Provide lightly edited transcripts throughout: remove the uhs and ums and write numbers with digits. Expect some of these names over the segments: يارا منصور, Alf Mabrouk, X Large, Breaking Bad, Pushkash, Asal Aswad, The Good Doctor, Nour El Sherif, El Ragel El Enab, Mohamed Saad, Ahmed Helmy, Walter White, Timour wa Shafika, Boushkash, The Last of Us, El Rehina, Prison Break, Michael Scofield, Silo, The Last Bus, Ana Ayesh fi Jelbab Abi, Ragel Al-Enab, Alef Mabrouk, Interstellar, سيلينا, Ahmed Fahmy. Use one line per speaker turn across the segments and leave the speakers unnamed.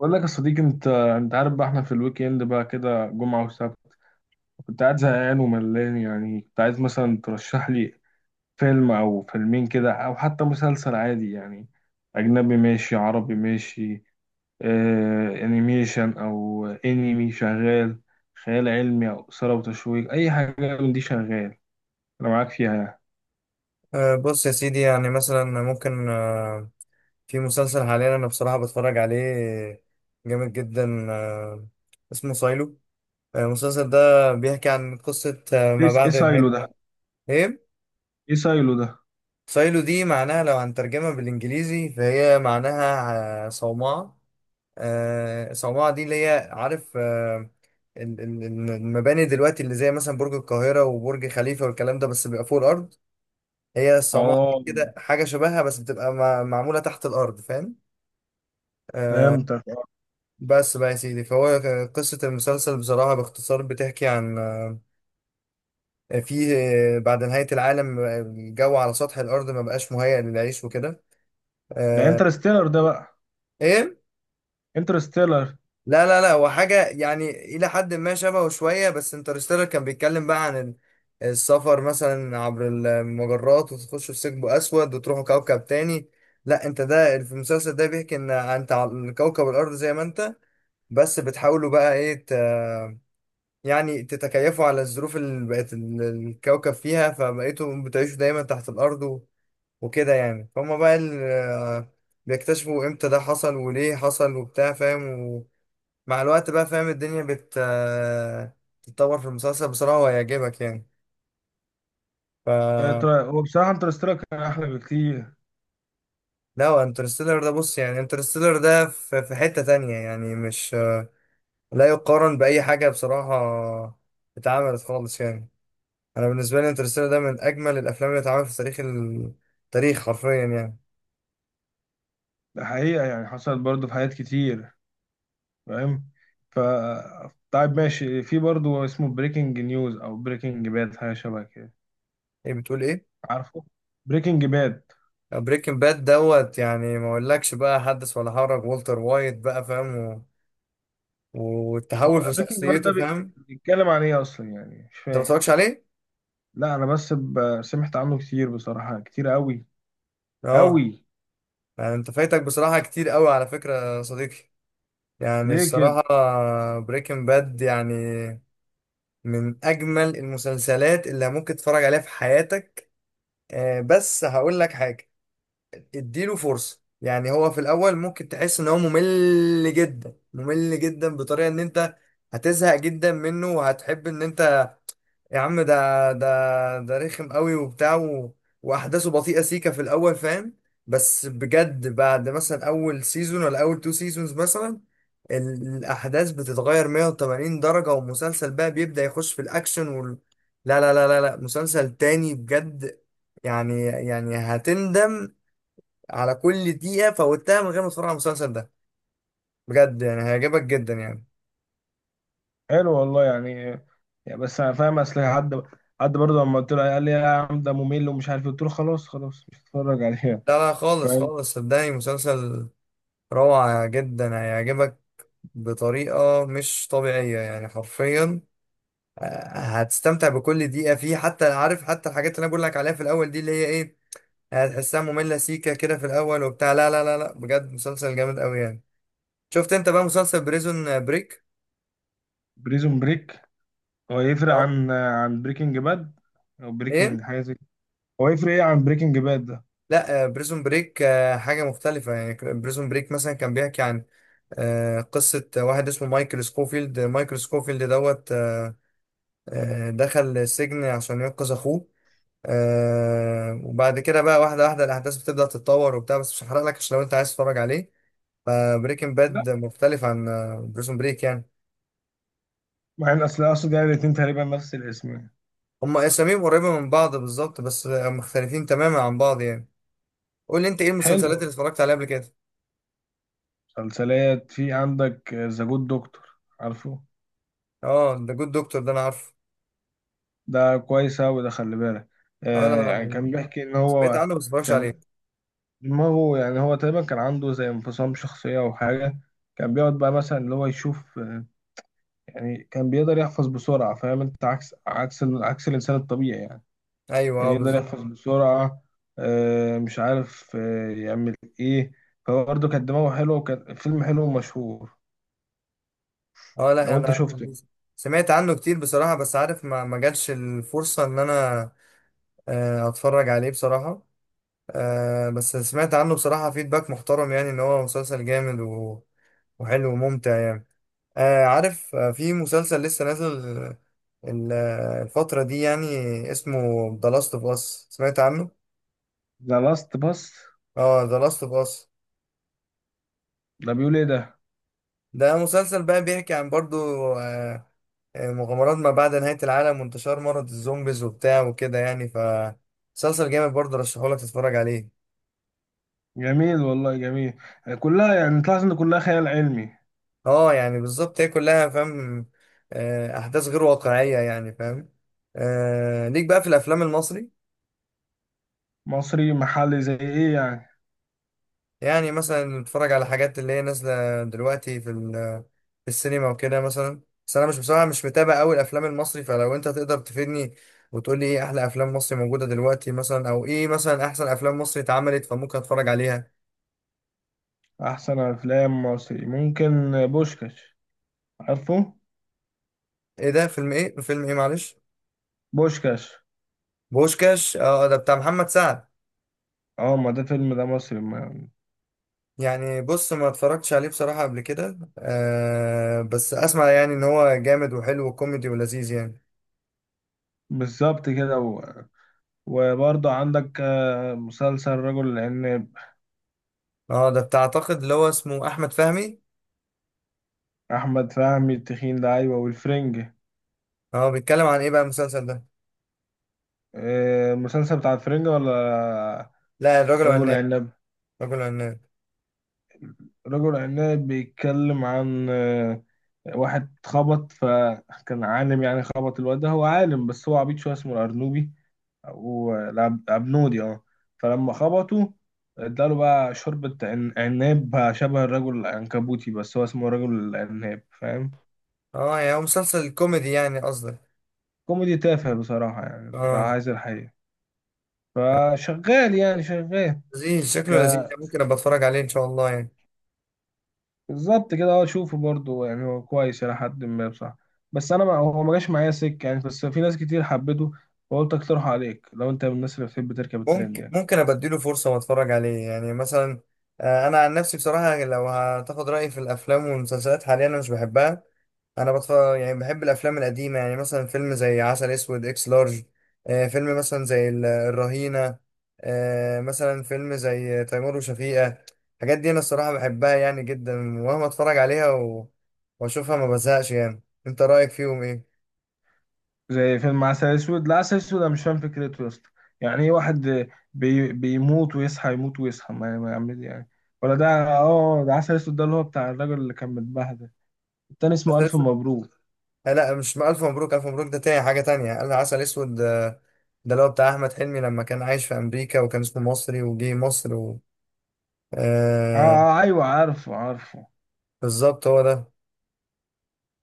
بقول لك يا صديقي، انت عارف بقى احنا في الويك اند بقى كده، جمعة وسبت كنت قاعد زهقان وملان، يعني كنت عايز مثلا ترشح لي فيلم او فيلمين كده، او حتى مسلسل عادي يعني. اجنبي ماشي، عربي ماشي، آه انيميشن او انمي شغال، خيال علمي او اثارة وتشويق، اي حاجة من دي شغال، انا معاك فيها يعني.
بص يا سيدي، يعني مثلا ممكن في مسلسل حاليا انا بصراحة بتفرج عليه جامد جدا. اسمه سايلو. المسلسل ده بيحكي عن قصة
ايه
ما
ايه
بعد
سايلو ده؟
نهاية. ايه
ايه سايلو ده؟
سايلو دي معناها لو هنترجمها بالانجليزي فهي معناها صومعة. صومعة دي اللي هي عارف، ال- ال- المباني دلوقتي اللي زي مثلا برج القاهرة وبرج خليفة والكلام ده، بس بيبقى فوق الأرض. هي الصومعة دي
اه،
كده حاجة شبهها، بس بتبقى معمولة تحت الأرض، فاهم؟ آه،
فهمتك.
بس بقى يا سيدي، فهو قصة المسلسل بصراحة باختصار بتحكي عن، فيه، بعد نهاية العالم، الجو على سطح الأرض ما بقاش مهيأ للعيش وكده.
ده
آه،
انترستيلر ده بقى؟
إيه؟
انترستيلر.
لا لا لا، هو حاجة يعني إلى حد ما شبهه شوية، بس انترستيلر كان بيتكلم بقى عن السفر مثلا عبر المجرات وتخشوا في ثقب أسود وتروحوا كوكب تاني. لا، أنت ده في المسلسل ده بيحكي إن أنت على كوكب الأرض زي ما أنت، بس بتحاولوا بقى إيه يعني تتكيفوا على الظروف اللي بقت الكوكب فيها، فبقيتوا بتعيشوا دايما تحت الأرض وكده يعني، فهم بقى بيكتشفوا إمتى ده حصل وليه حصل وبتاع، فاهم؟ مع الوقت بقى فاهم الدنيا بت تتطور في المسلسل بصراحة، وهيعجبك يعني. ف
هو بصراحة انترستيلر كان أحلى بكتير.
لا، هو انترستيلر ده بص يعني، انترستيلر ده في في حتة تانية يعني، مش لا يقارن بأي حاجة بصراحة. اتعملت خالص يعني. أنا بالنسبة لي انترستيلر ده من أجمل الأفلام اللي اتعملت في تاريخ التاريخ حرفيا يعني.
ده حقيقة، يعني حصلت برضه في حاجات كتير. فاهم. ف طيب ماشي، في برضه اسمه بريكنج نيوز أو بريكنج باد، حاجة شبه كده.
إيه بتقول إيه؟
عارفه؟ بريكنج باد.
بريكنج باد دوت يعني، ما أقولكش بقى، حدث ولا حرج، والتر وايت بقى فاهم، والتحول
هو
في
بريكنج باد
شخصيته،
ده
فاهم؟
بيتكلم عن إيه أصلا؟ يعني مش
أنت ما
فاهم.
اتفرجتش عليه؟
لا، أنا بس سمعت عنه كتير بصراحة، كتير أوي.
اه.
أوي.
يعني انت فايتك بصراحة كتير قوي على فكرة يا صديقي، يعني
ليه كده؟
الصراحة. بريكنج باد يعني من أجمل المسلسلات اللي ممكن تتفرج عليها في حياتك. بس هقول لك حاجة، اديله فرصة. يعني هو في الأول ممكن تحس إن هو ممل جدا ممل جدا، بطريقة إن أنت هتزهق جدا منه، وهتحب إن أنت، يا عم ده رخم قوي وبتاع واحداثه بطيئه سيكه في الاول، فاهم؟ بس بجد بعد مثلا اول سيزون ولا اول تو سيزونز مثلا، الاحداث بتتغير 180 درجه، والمسلسل بقى بيبدا يخش في الاكشن لا لا لا لا لا، مسلسل تاني بجد يعني. يعني هتندم على كل دقيقه فوتها من غير ما تتفرج على المسلسل ده، بجد يعني هيعجبك جدا يعني.
حلو والله يعني. يعني بس أنا فاهم، أصل حد برضه لما قلت له قال لي يا عم ده ممل ومش عارف إيه. قلت له خلاص، خلاص مش هتفرج عليه.
لا لا، خالص خالص، صدقني مسلسل روعة جدا، هيعجبك بطريقة مش طبيعية يعني، حرفيا. آه، هتستمتع بكل دقيقة فيه، حتى عارف حتى الحاجات اللي أنا بقول لك عليها في الأول دي اللي هي إيه، هتحسها مملة سيكة كده في الأول وبتاع، لا لا لا لا، بجد مسلسل جامد أوي يعني. شفت أنت بقى مسلسل بريزون بريك؟
بريزون بريك. هو يفرق
اه.
عن بريكنج باد او
إيه؟
بريكنج حاجه زي كده. هو يفرق ايه عن بريكنج باد ده؟
لا، بريزون بريك حاجة مختلفة يعني. بريزون بريك مثلا كان بيحكي عن قصة واحد اسمه مايكل سكوفيلد. مايكل سكوفيلد دوت دخل السجن عشان ينقذ أخوه. آه وبعد كده بقى، واحدة واحدة الأحداث بتبدأ تتطور وبتاع، بس مش هحرق لك عشان لو أنت عايز تتفرج عليه. فبريكنج
لا،
باد مختلف عن بريزون بريك يعني.
مع ان اصل يعني الاتنين تقريبا نفس الاسم يعني.
هما أساميهم قريبة من بعض بالظبط، بس مختلفين تماما عن بعض يعني. قول لي أنت إيه
حلو.
المسلسلات اللي اتفرجت عليها قبل كده؟
مسلسلات في عندك ذا جود دكتور؟ عارفه؟
أه، ده جود دكتور، ده أنا عارفه.
ده كويس اوي ده، خلي بالك. آه،
أنا
يعني كان بيحكي ان
سمعت
هو
عنه بس متفرجش
كان
عليه.
دماغه، يعني هو تقريبا كان عنده زي انفصام شخصيه او حاجه. كان بيقعد بقى مثلا اللي هو يشوف، يعني كان بيقدر يحفظ بسرعه، فاهم انت؟ عكس الانسان الطبيعي يعني.
أيوه، أه
يعني يقدر
بالظبط.
يحفظ بسرعة، مش عارف يعمل ايه. فهو برضه كان دماغه حلو وكان فيلم حلو ومشهور.
أه لا،
لو انت
أنا
شفته.
سمعت عنه كتير بصراحة، بس عارف ما ما جاتش الفرصة إن أنا أتفرج عليه بصراحة. آه بس سمعت عنه بصراحة فيدباك محترم، يعني ان هو مسلسل جامد وحلو وممتع يعني. آه عارف، آه في مسلسل لسه نازل ال- الفترة دي يعني، اسمه The Last of Us، سمعت عنه؟
ذا لاست باس؟
اه، The Last of Us.
ده بيقول ايه ده؟
ده مسلسل بقى بيحكي عن برضو آه، مغامرات ما بعد نهاية العالم، وانتشار مرض الزومبيز وبتاع وكده يعني، ف مسلسل جامد برضو، رشحهولك تتفرج عليه.
جميل والله، جميل. كلها يعني تلاحظ ان كلها خيال علمي.
اه يعني بالظبط، هي كلها فاهم، احداث غير واقعيه يعني، فاهم؟ ليك بقى في الافلام المصري،
مصري محلي زي ايه يعني؟
يعني مثلا نتفرج على حاجات اللي هي نازله دلوقتي في في السينما وكده مثلا. بس انا مش بصراحه مش متابع قوي الافلام المصري، فلو انت تقدر تفيدني وتقول لي ايه احلى افلام مصري موجوده دلوقتي مثلا، او ايه مثلا احسن افلام مصري اتعملت، فممكن اتفرج عليها.
احسن افلام مصري ممكن بوشكاش. عارفه؟
ايه ده؟ فيلم ايه فيلم ايه، معلش؟
بوشكاش.
بوشكاش، اه ده بتاع محمد سعد.
اه ما ده فيلم ده مصري ما.
يعني بص، ما اتفرجتش عليه بصراحة قبل كده، آه بس اسمع يعني ان هو جامد وحلو وكوميدي ولذيذ يعني.
بالظبط كده وبرضه عندك مسلسل رجل العناب.
اه ده بتاع اعتقد اللي هو اسمه احمد فهمي.
احمد فهمي التخين ده، ايوه، والفرنج.
اه، بيتكلم عن ايه بقى المسلسل ده؟
المسلسل بتاع الفرنج ولا؟
لا، الراجل
رجل
العناب.
عناب.
الراجل العناب.
رجل عناب بيتكلم عن واحد خبط، فكان عالم يعني، خبط الواد ده. هو عالم بس هو عبيط شويه، اسمه الارنوبي او العبنودي، اه. فلما خبطه اداله بقى شوربة عناب، بقى شبه الرجل العنكبوتي بس هو اسمه رجل العناب، فاهم؟
اه يعني هو مسلسل كوميدي يعني قصدك؟
كوميدي تافه بصراحة يعني، لو
اه،
عايز الحقيقة. فشغال يعني، شغال.
لذيذ، شكله لذيذ يعني، ممكن ابقى اتفرج عليه ان شاء الله يعني.
بالظبط كده، اه شوفه برضه، يعني هو كويس إلى حد ما بصراحة. بس أنا ما هو ما جاش معايا سكة يعني، بس في ناس كتير حبته، فقلت أقترحه عليك لو أنت من الناس اللي بتحب تركب الترند
ممكن
يعني.
ممكن ابديله فرصه واتفرج عليه يعني مثلا. انا عن نفسي بصراحه لو هتاخد رايي في الافلام والمسلسلات حاليا انا مش بحبها. انا بتفرج يعني بحب الافلام القديمه، يعني مثلا فيلم زي عسل اسود، اكس لارج، فيلم مثلا زي الرهينه، مثلا فيلم زي تيمور وشفيقه. الحاجات دي انا الصراحه بحبها يعني جدا، ومهما اتفرج عليها واشوفها ما بزهقش يعني. انت رايك فيهم
زي فيلم عسل أسود. لا، عسل أسود أنا مش فاهم فكرته يا اسطى. يعني إيه واحد بيموت ويصحى، يموت ويصحى، ما يعمل يعني؟ ولا ده؟ اه ده عسل أسود ده، اللي هو بتاع الراجل اللي كان متبهدل. التاني اسمه
ايه؟
ألف مبروك.
لا لا، مش ألف مبروك. ألف مبروك ده تاني، حاجة تانية. قال عسل أسود، ده اللي هو بتاع أحمد حلمي لما كان عايش في أمريكا وكان اسمه مصري وجه مصر
اه
آه،
أيوه، عارفه عارفه.
بالظبط هو ده.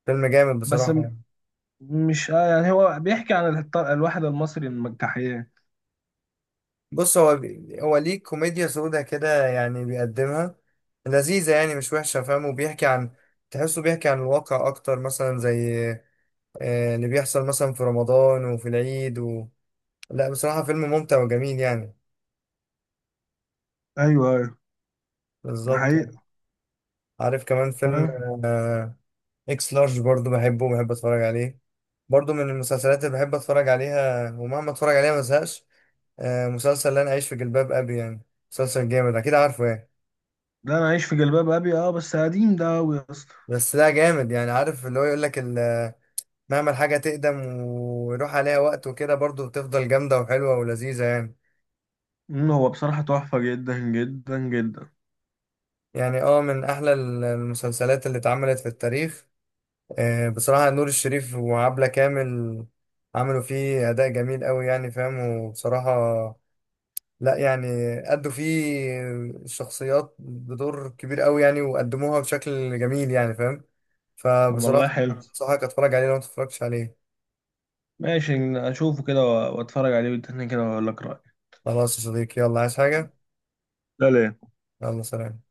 فيلم جامد
بس
بصراحة.
مش آه، يعني هو بيحكي عن الواحد المصري المجتاحية.
بص هو هو ليه كوميديا سودة كده يعني، بيقدمها لذيذة يعني مش وحشة فاهم، وبيحكي عن، تحسه بيحكي عن الواقع أكتر، مثلا زي آه اللي بيحصل مثلا في رمضان وفي العيد لا بصراحة فيلم ممتع وجميل يعني.
ايوه. ده
بالظبط.
حقيقة.
عارف كمان فيلم،
فاهم.
آه، اكس لارج برضو بحبه وبحب اتفرج عليه. برضو من المسلسلات اللي بحب اتفرج عليها ومهما اتفرج عليها ما بزهقش، مسلسل لا انا عايش في جلباب ابي يعني، مسلسل جامد اكيد عارفه يعني.
ده انا عايش في جلباب ابي، اه بس قديم ده قوي يا اسطى.
بس لا جامد يعني، عارف اللي هو يقول لك مهما الحاجه تقدم ويروح عليها وقت وكده، برضو بتفضل جامده وحلوه ولذيذه يعني.
هو بصراحة تحفة، جدا جدا جدا.
يعني اه من احلى المسلسلات اللي اتعملت في التاريخ. بصراحه نور الشريف وعبلة كامل عملوا فيه اداء جميل قوي يعني، فاهم، وبصراحه، لا يعني، أدوا فيه الشخصيات بدور كبير قوي يعني، وقدموها بشكل جميل يعني، فاهم؟
طب والله
فبصراحة
حلو.
أنصحك أتفرج عليه لو ما اتفرجتش عليه.
ماشي. اشوفه كده واتفرج عليه بالتاني كده واقول لك رأيي.
خلاص يا صديقي، يلا عايز حاجة؟
لا، لا.
يلا سلام.